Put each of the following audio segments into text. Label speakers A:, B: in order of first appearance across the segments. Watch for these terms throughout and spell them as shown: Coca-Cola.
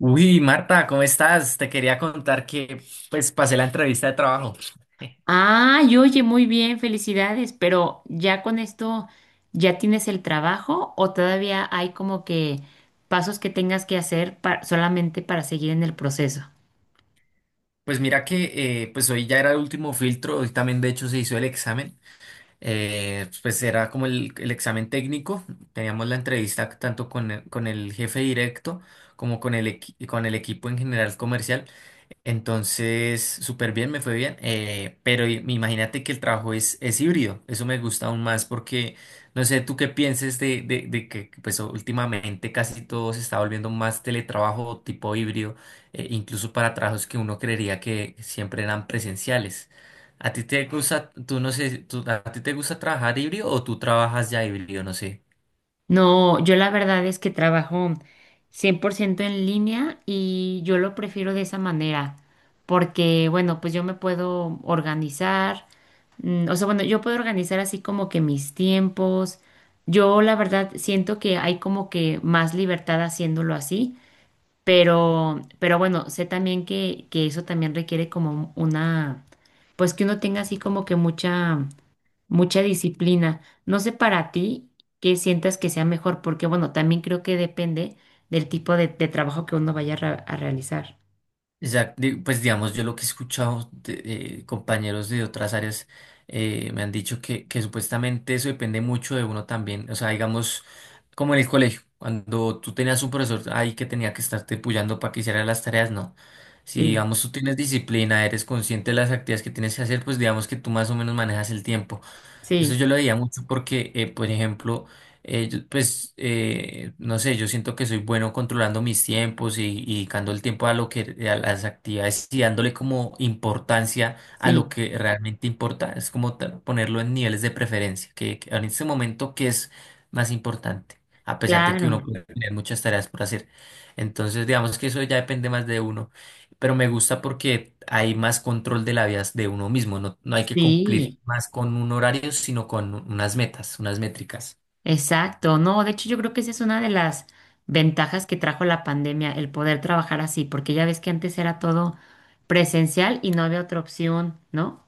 A: Uy, Marta, ¿cómo estás? Te quería contar que pues pasé la entrevista de trabajo.
B: Ay, oye, muy bien, felicidades, pero ya con esto, ¿ya tienes el trabajo o todavía hay como que pasos que tengas que hacer solamente para seguir en el proceso?
A: Pues mira que pues hoy ya era el último filtro, hoy también de hecho se hizo el examen. Pues era como el examen técnico. Teníamos la entrevista tanto con con el jefe directo como con con el equipo en general comercial. Entonces, súper bien, me fue bien. Pero imagínate que el trabajo es híbrido. Eso me gusta aún más porque no sé tú qué pienses de que pues últimamente casi todo se está volviendo más teletrabajo tipo híbrido, incluso para trabajos que uno creería que siempre eran presenciales. ¿A ti te gusta, tú no sé, a ti te gusta trabajar híbrido o tú trabajas ya híbrido? No sé.
B: No, yo la verdad es que trabajo 100% en línea y yo lo prefiero de esa manera, porque bueno, pues yo me puedo organizar, bueno, yo puedo organizar así como que mis tiempos. Yo la verdad siento que hay como que más libertad haciéndolo así. Pero bueno, sé también que eso también requiere como una, pues que uno tenga así como que mucha disciplina. No sé para ti qué sientas que sea mejor, porque bueno, también creo que depende del tipo de trabajo que uno vaya a, a realizar.
A: Pues digamos, yo lo que he escuchado de compañeros de otras áreas me han dicho que supuestamente eso depende mucho de uno también. O sea, digamos, como en el colegio, cuando tú tenías un profesor ahí que tenía que estarte puyando para que hiciera las tareas, no. Si
B: Sí,
A: digamos tú tienes disciplina, eres consciente de las actividades que tienes que hacer, pues digamos que tú más o menos manejas el tiempo. Eso
B: sí,
A: yo lo veía mucho porque, por ejemplo, yo, pues, no sé, yo siento que soy bueno controlando mis tiempos y dedicando el tiempo a lo que, a las actividades y dándole como importancia a lo
B: sí,
A: que realmente importa. Es como ponerlo en niveles de preferencia, que en este momento, ¿qué es más importante? A pesar de que
B: claro,
A: uno puede tener muchas tareas por hacer. Entonces, digamos que eso ya depende más de uno, pero me gusta porque hay más control de la vida de uno mismo. No, no hay que cumplir
B: sí.
A: más con un horario, sino con unas metas, unas métricas.
B: Exacto, no, de hecho yo creo que esa es una de las ventajas que trajo la pandemia, el poder trabajar así, porque ya ves que antes era todo presencial y no había otra opción, ¿no?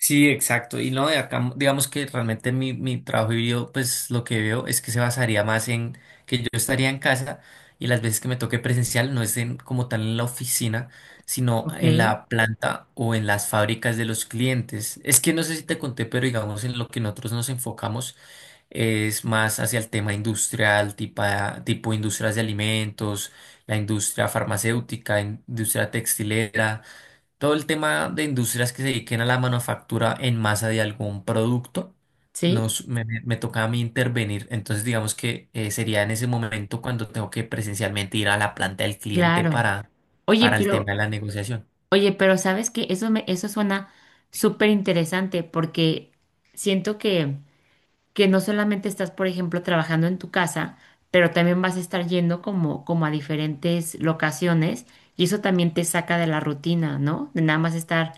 A: Sí, exacto. Y no, de acá, digamos que realmente mi trabajo híbrido, pues lo que veo es que se basaría más en que yo estaría en casa y las veces que me toque presencial no es como tal en la oficina, sino
B: Ok,
A: en la planta o en las fábricas de los clientes. Es que no sé si te conté, pero digamos en lo que nosotros nos enfocamos. Es más hacia el tema industrial, tipo, tipo industrias de alimentos, la industria farmacéutica, industria textilera, todo el tema de industrias que se dediquen a la manufactura en masa de algún producto.
B: sí,
A: Me toca a mí intervenir, entonces digamos que sería en ese momento cuando tengo que presencialmente ir a la planta del cliente
B: claro. Oye,
A: para el tema
B: pero,
A: de la negociación.
B: oye, pero sabes que eso me, eso suena súper interesante porque siento que no solamente estás, por ejemplo, trabajando en tu casa, pero también vas a estar yendo como a diferentes locaciones y eso también te saca de la rutina, ¿no? De nada más estar,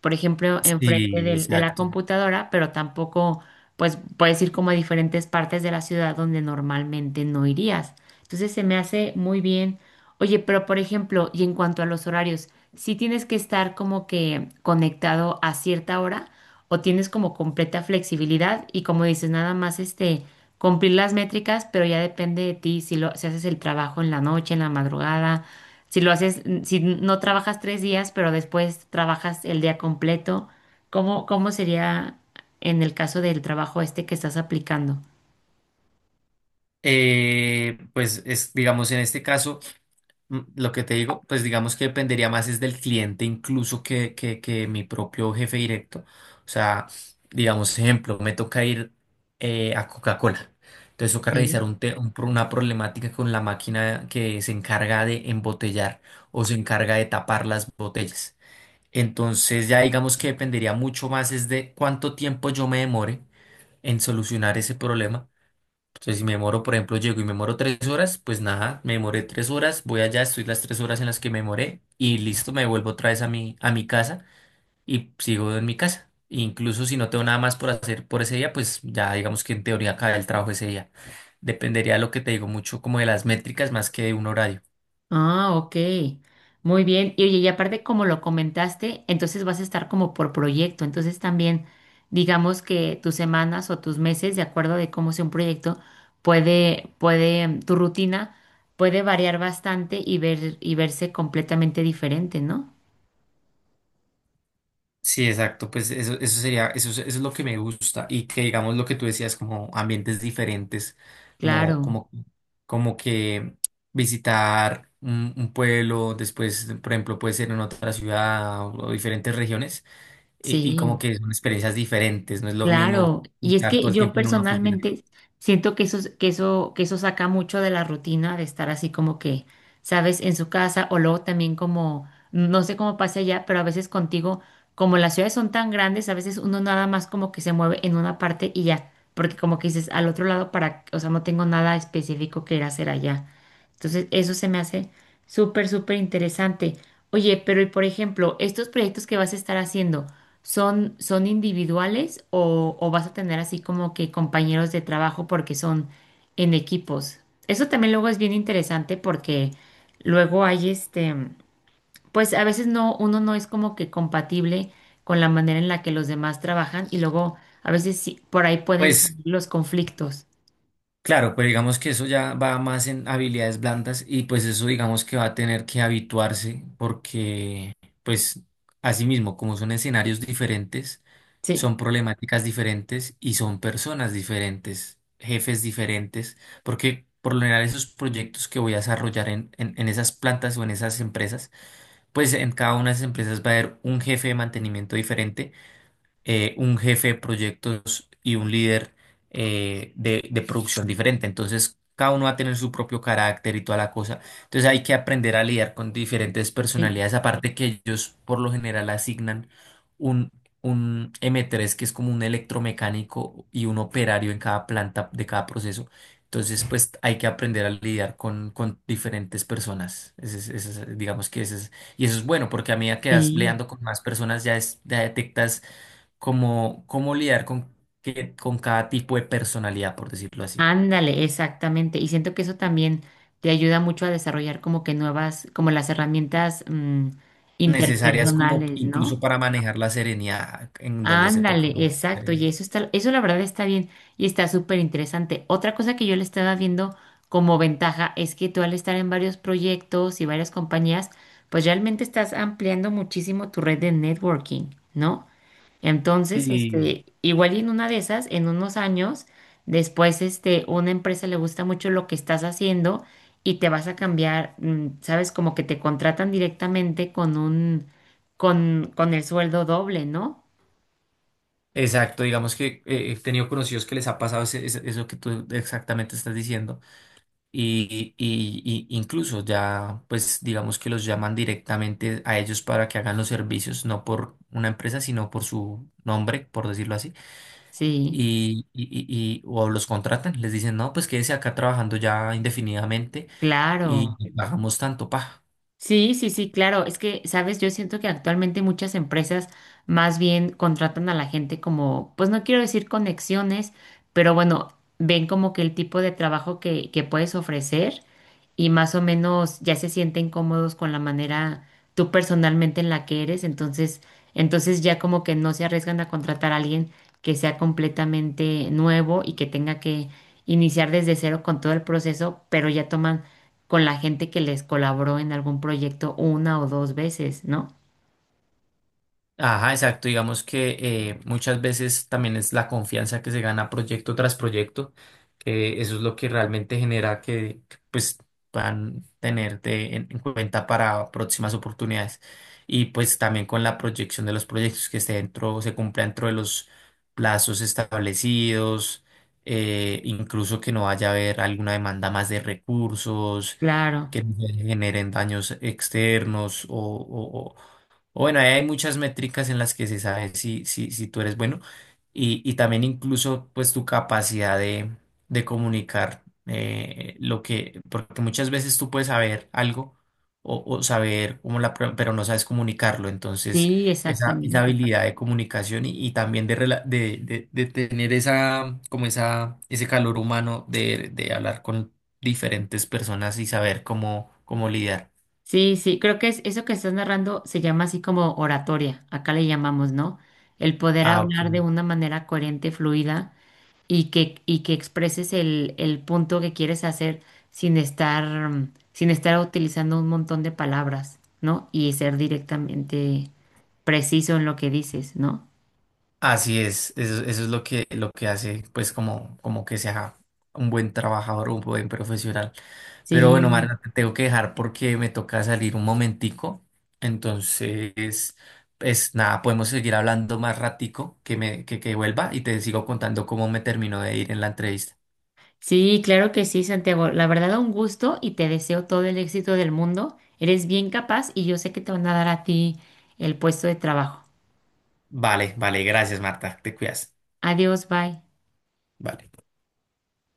B: por ejemplo, enfrente
A: Sí,
B: de la
A: exacto.
B: computadora, pero tampoco, pues puedes ir como a diferentes partes de la ciudad donde normalmente no irías. Entonces se me hace muy bien. Oye, pero por ejemplo, y en cuanto a los horarios, si tienes que estar como que conectado a cierta hora o tienes como completa flexibilidad y como dices, nada más este, cumplir las métricas, pero ya depende de ti si lo, si haces el trabajo en la noche, en la madrugada, si lo haces, si no trabajas tres días, pero después trabajas el día completo, ¿cómo sería en el caso del trabajo este que estás aplicando?
A: Pues es, digamos, en este caso... Lo que te digo, pues digamos que dependería más es del cliente incluso que mi propio jefe directo. O sea, digamos, ejemplo, me toca ir a Coca-Cola. Entonces toca
B: Ok.
A: revisar un te- un pro- una problemática con la máquina que se encarga de embotellar o se encarga de tapar las botellas. Entonces ya digamos que dependería mucho más es de cuánto tiempo yo me demore en solucionar ese problema. Entonces, si me demoro, por ejemplo, llego y me demoro tres horas, pues nada, me demoré tres horas, voy allá, estoy las tres horas en las que me demoré y listo, me vuelvo otra vez a a mi casa y sigo en mi casa. Incluso si no tengo nada más por hacer por ese día, pues ya digamos que en teoría acaba el trabajo ese día. Dependería de lo que te digo mucho como de las métricas más que de un horario.
B: Ah, ok. Muy bien. Y oye, y aparte, como lo comentaste, entonces vas a estar como por proyecto. Entonces también, digamos que tus semanas o tus meses, de acuerdo de cómo sea un proyecto, tu rutina puede variar bastante y ver, y verse completamente diferente, ¿no?
A: Sí, exacto, pues eso sería, eso, eso es lo que me gusta y que digamos lo que tú decías, como ambientes diferentes, como,
B: Claro,
A: como, como que visitar un pueblo, después, por ejemplo, puede ser en otra ciudad o diferentes regiones y como
B: sí.
A: que son experiencias diferentes, no es lo mismo
B: Claro, y es
A: estar
B: que
A: todo el
B: yo
A: tiempo en una oficina.
B: personalmente siento que eso, que eso saca mucho de la rutina de estar así como que, sabes, en su casa o luego también como, no sé cómo pasa allá, pero a veces contigo, como las ciudades son tan grandes, a veces uno nada más como que se mueve en una parte y ya, porque como que dices al otro lado para, o sea, no tengo nada específico que ir a hacer allá. Entonces, eso se me hace súper interesante. Oye, pero y por ejemplo, estos proyectos que vas a estar haciendo. ¿Son individuales o vas a tener así como que compañeros de trabajo porque son en equipos? Eso también luego es bien interesante porque luego hay este, pues a veces no, uno no es como que compatible con la manera en la que los demás trabajan y luego a veces sí, por ahí pueden
A: Pues
B: salir los conflictos.
A: claro, pero digamos que eso ya va más en habilidades blandas y pues eso digamos que va a tener que habituarse porque pues así mismo como son escenarios diferentes,
B: Sí,
A: son problemáticas diferentes y son personas diferentes, jefes diferentes, porque por lo general esos proyectos que voy a desarrollar en esas plantas o en esas empresas, pues en cada una de esas empresas va a haber un jefe de mantenimiento diferente, un jefe de proyectos y un líder de producción diferente. Entonces, cada uno va a tener su propio carácter y toda la cosa. Entonces, hay que aprender a lidiar con diferentes
B: sí,
A: personalidades, aparte que ellos por lo general asignan un, un m tres que es como un electromecánico y un operario en cada planta de cada proceso. Entonces, pues hay que aprender a lidiar con diferentes personas. Digamos que ese es, y eso es bueno, porque a medida que vas
B: sí.
A: leando con más personas, ya, ya detectas cómo, cómo lidiar con, que, con cada tipo de personalidad, por decirlo así.
B: Ándale, exactamente. Y siento que eso también te ayuda mucho a desarrollar como que nuevas, como las herramientas,
A: Necesarias como
B: interpersonales,
A: incluso
B: ¿no?
A: para manejar la serenidad en donde se toca.
B: Ándale,
A: ¿No?
B: exacto. Y
A: Serenidad.
B: eso está, eso la verdad está bien y está súper interesante. Otra cosa que yo le estaba viendo como ventaja es que tú al estar en varios proyectos y varias compañías, pues realmente estás ampliando muchísimo tu red de networking, ¿no? Entonces,
A: Sí,
B: este, igual y en una de esas, en unos años, después, este, una empresa le gusta mucho lo que estás haciendo y te vas a cambiar, mm, sabes, como que te contratan directamente con el sueldo doble, ¿no?
A: exacto. Digamos que he tenido conocidos que les ha pasado eso que tú exactamente estás diciendo. Y incluso ya, pues digamos que los llaman directamente a ellos para que hagan los servicios, no por una empresa, sino por su nombre, por decirlo así.
B: Sí,
A: Y o los contratan, les dicen, no, pues quédese acá trabajando ya indefinidamente y
B: claro.
A: le pagamos tanto, pa.
B: Sí, sí, sí, claro. Es que, sabes, yo siento que actualmente muchas empresas más bien contratan a la gente como, pues no quiero decir conexiones, pero bueno, ven como que el tipo de trabajo que puedes ofrecer y más o menos ya se sienten cómodos con la manera tú personalmente en la que eres. Entonces ya como que no se arriesgan a contratar a alguien que sea completamente nuevo y que tenga que iniciar desde cero con todo el proceso, pero ya toman con la gente que les colaboró en algún proyecto una o dos veces, ¿no?
A: Ajá, exacto. Digamos que muchas veces también es la confianza que se gana proyecto tras proyecto, que eso es lo que realmente genera que, pues puedan tenerte en cuenta para próximas oportunidades. Y pues también con la proyección de los proyectos que esté dentro, se cumpla dentro de los plazos establecidos, incluso que no vaya a haber alguna demanda más de recursos,
B: Claro,
A: que no se generen daños externos o, bueno, ahí hay muchas métricas en las que se sabe si tú eres bueno y también incluso pues tu capacidad de comunicar porque muchas veces tú puedes saber algo o saber cómo pero no sabes comunicarlo, entonces
B: sí,
A: esa
B: exactamente.
A: habilidad de comunicación y también de, de tener esa, como esa, ese calor humano de hablar con diferentes personas y saber cómo, cómo lidiar.
B: Sí, sí, creo que es, eso que estás narrando se llama así como oratoria, acá le llamamos, ¿no? El poder
A: Ah, ok.
B: hablar de una manera coherente, fluida y que expreses el punto que quieres hacer sin estar, sin estar utilizando un montón de palabras, ¿no? Y ser directamente preciso en lo que dices, ¿no?
A: Así es, eso es lo que hace, pues, como, como que sea un buen trabajador, un buen profesional. Pero bueno,
B: Sí.
A: Marta, te tengo que dejar porque me toca salir un momentico. Entonces, pues nada, podemos seguir hablando más ratico que me, que vuelva y te sigo contando cómo me terminó de ir en la entrevista.
B: Sí, claro que sí, Santiago. La verdad, un gusto y te deseo todo el éxito del mundo. Eres bien capaz y yo sé que te van a dar a ti el puesto de trabajo.
A: Vale, vale, gracias, Marta, te cuidas.
B: Adiós, bye.
A: Vale.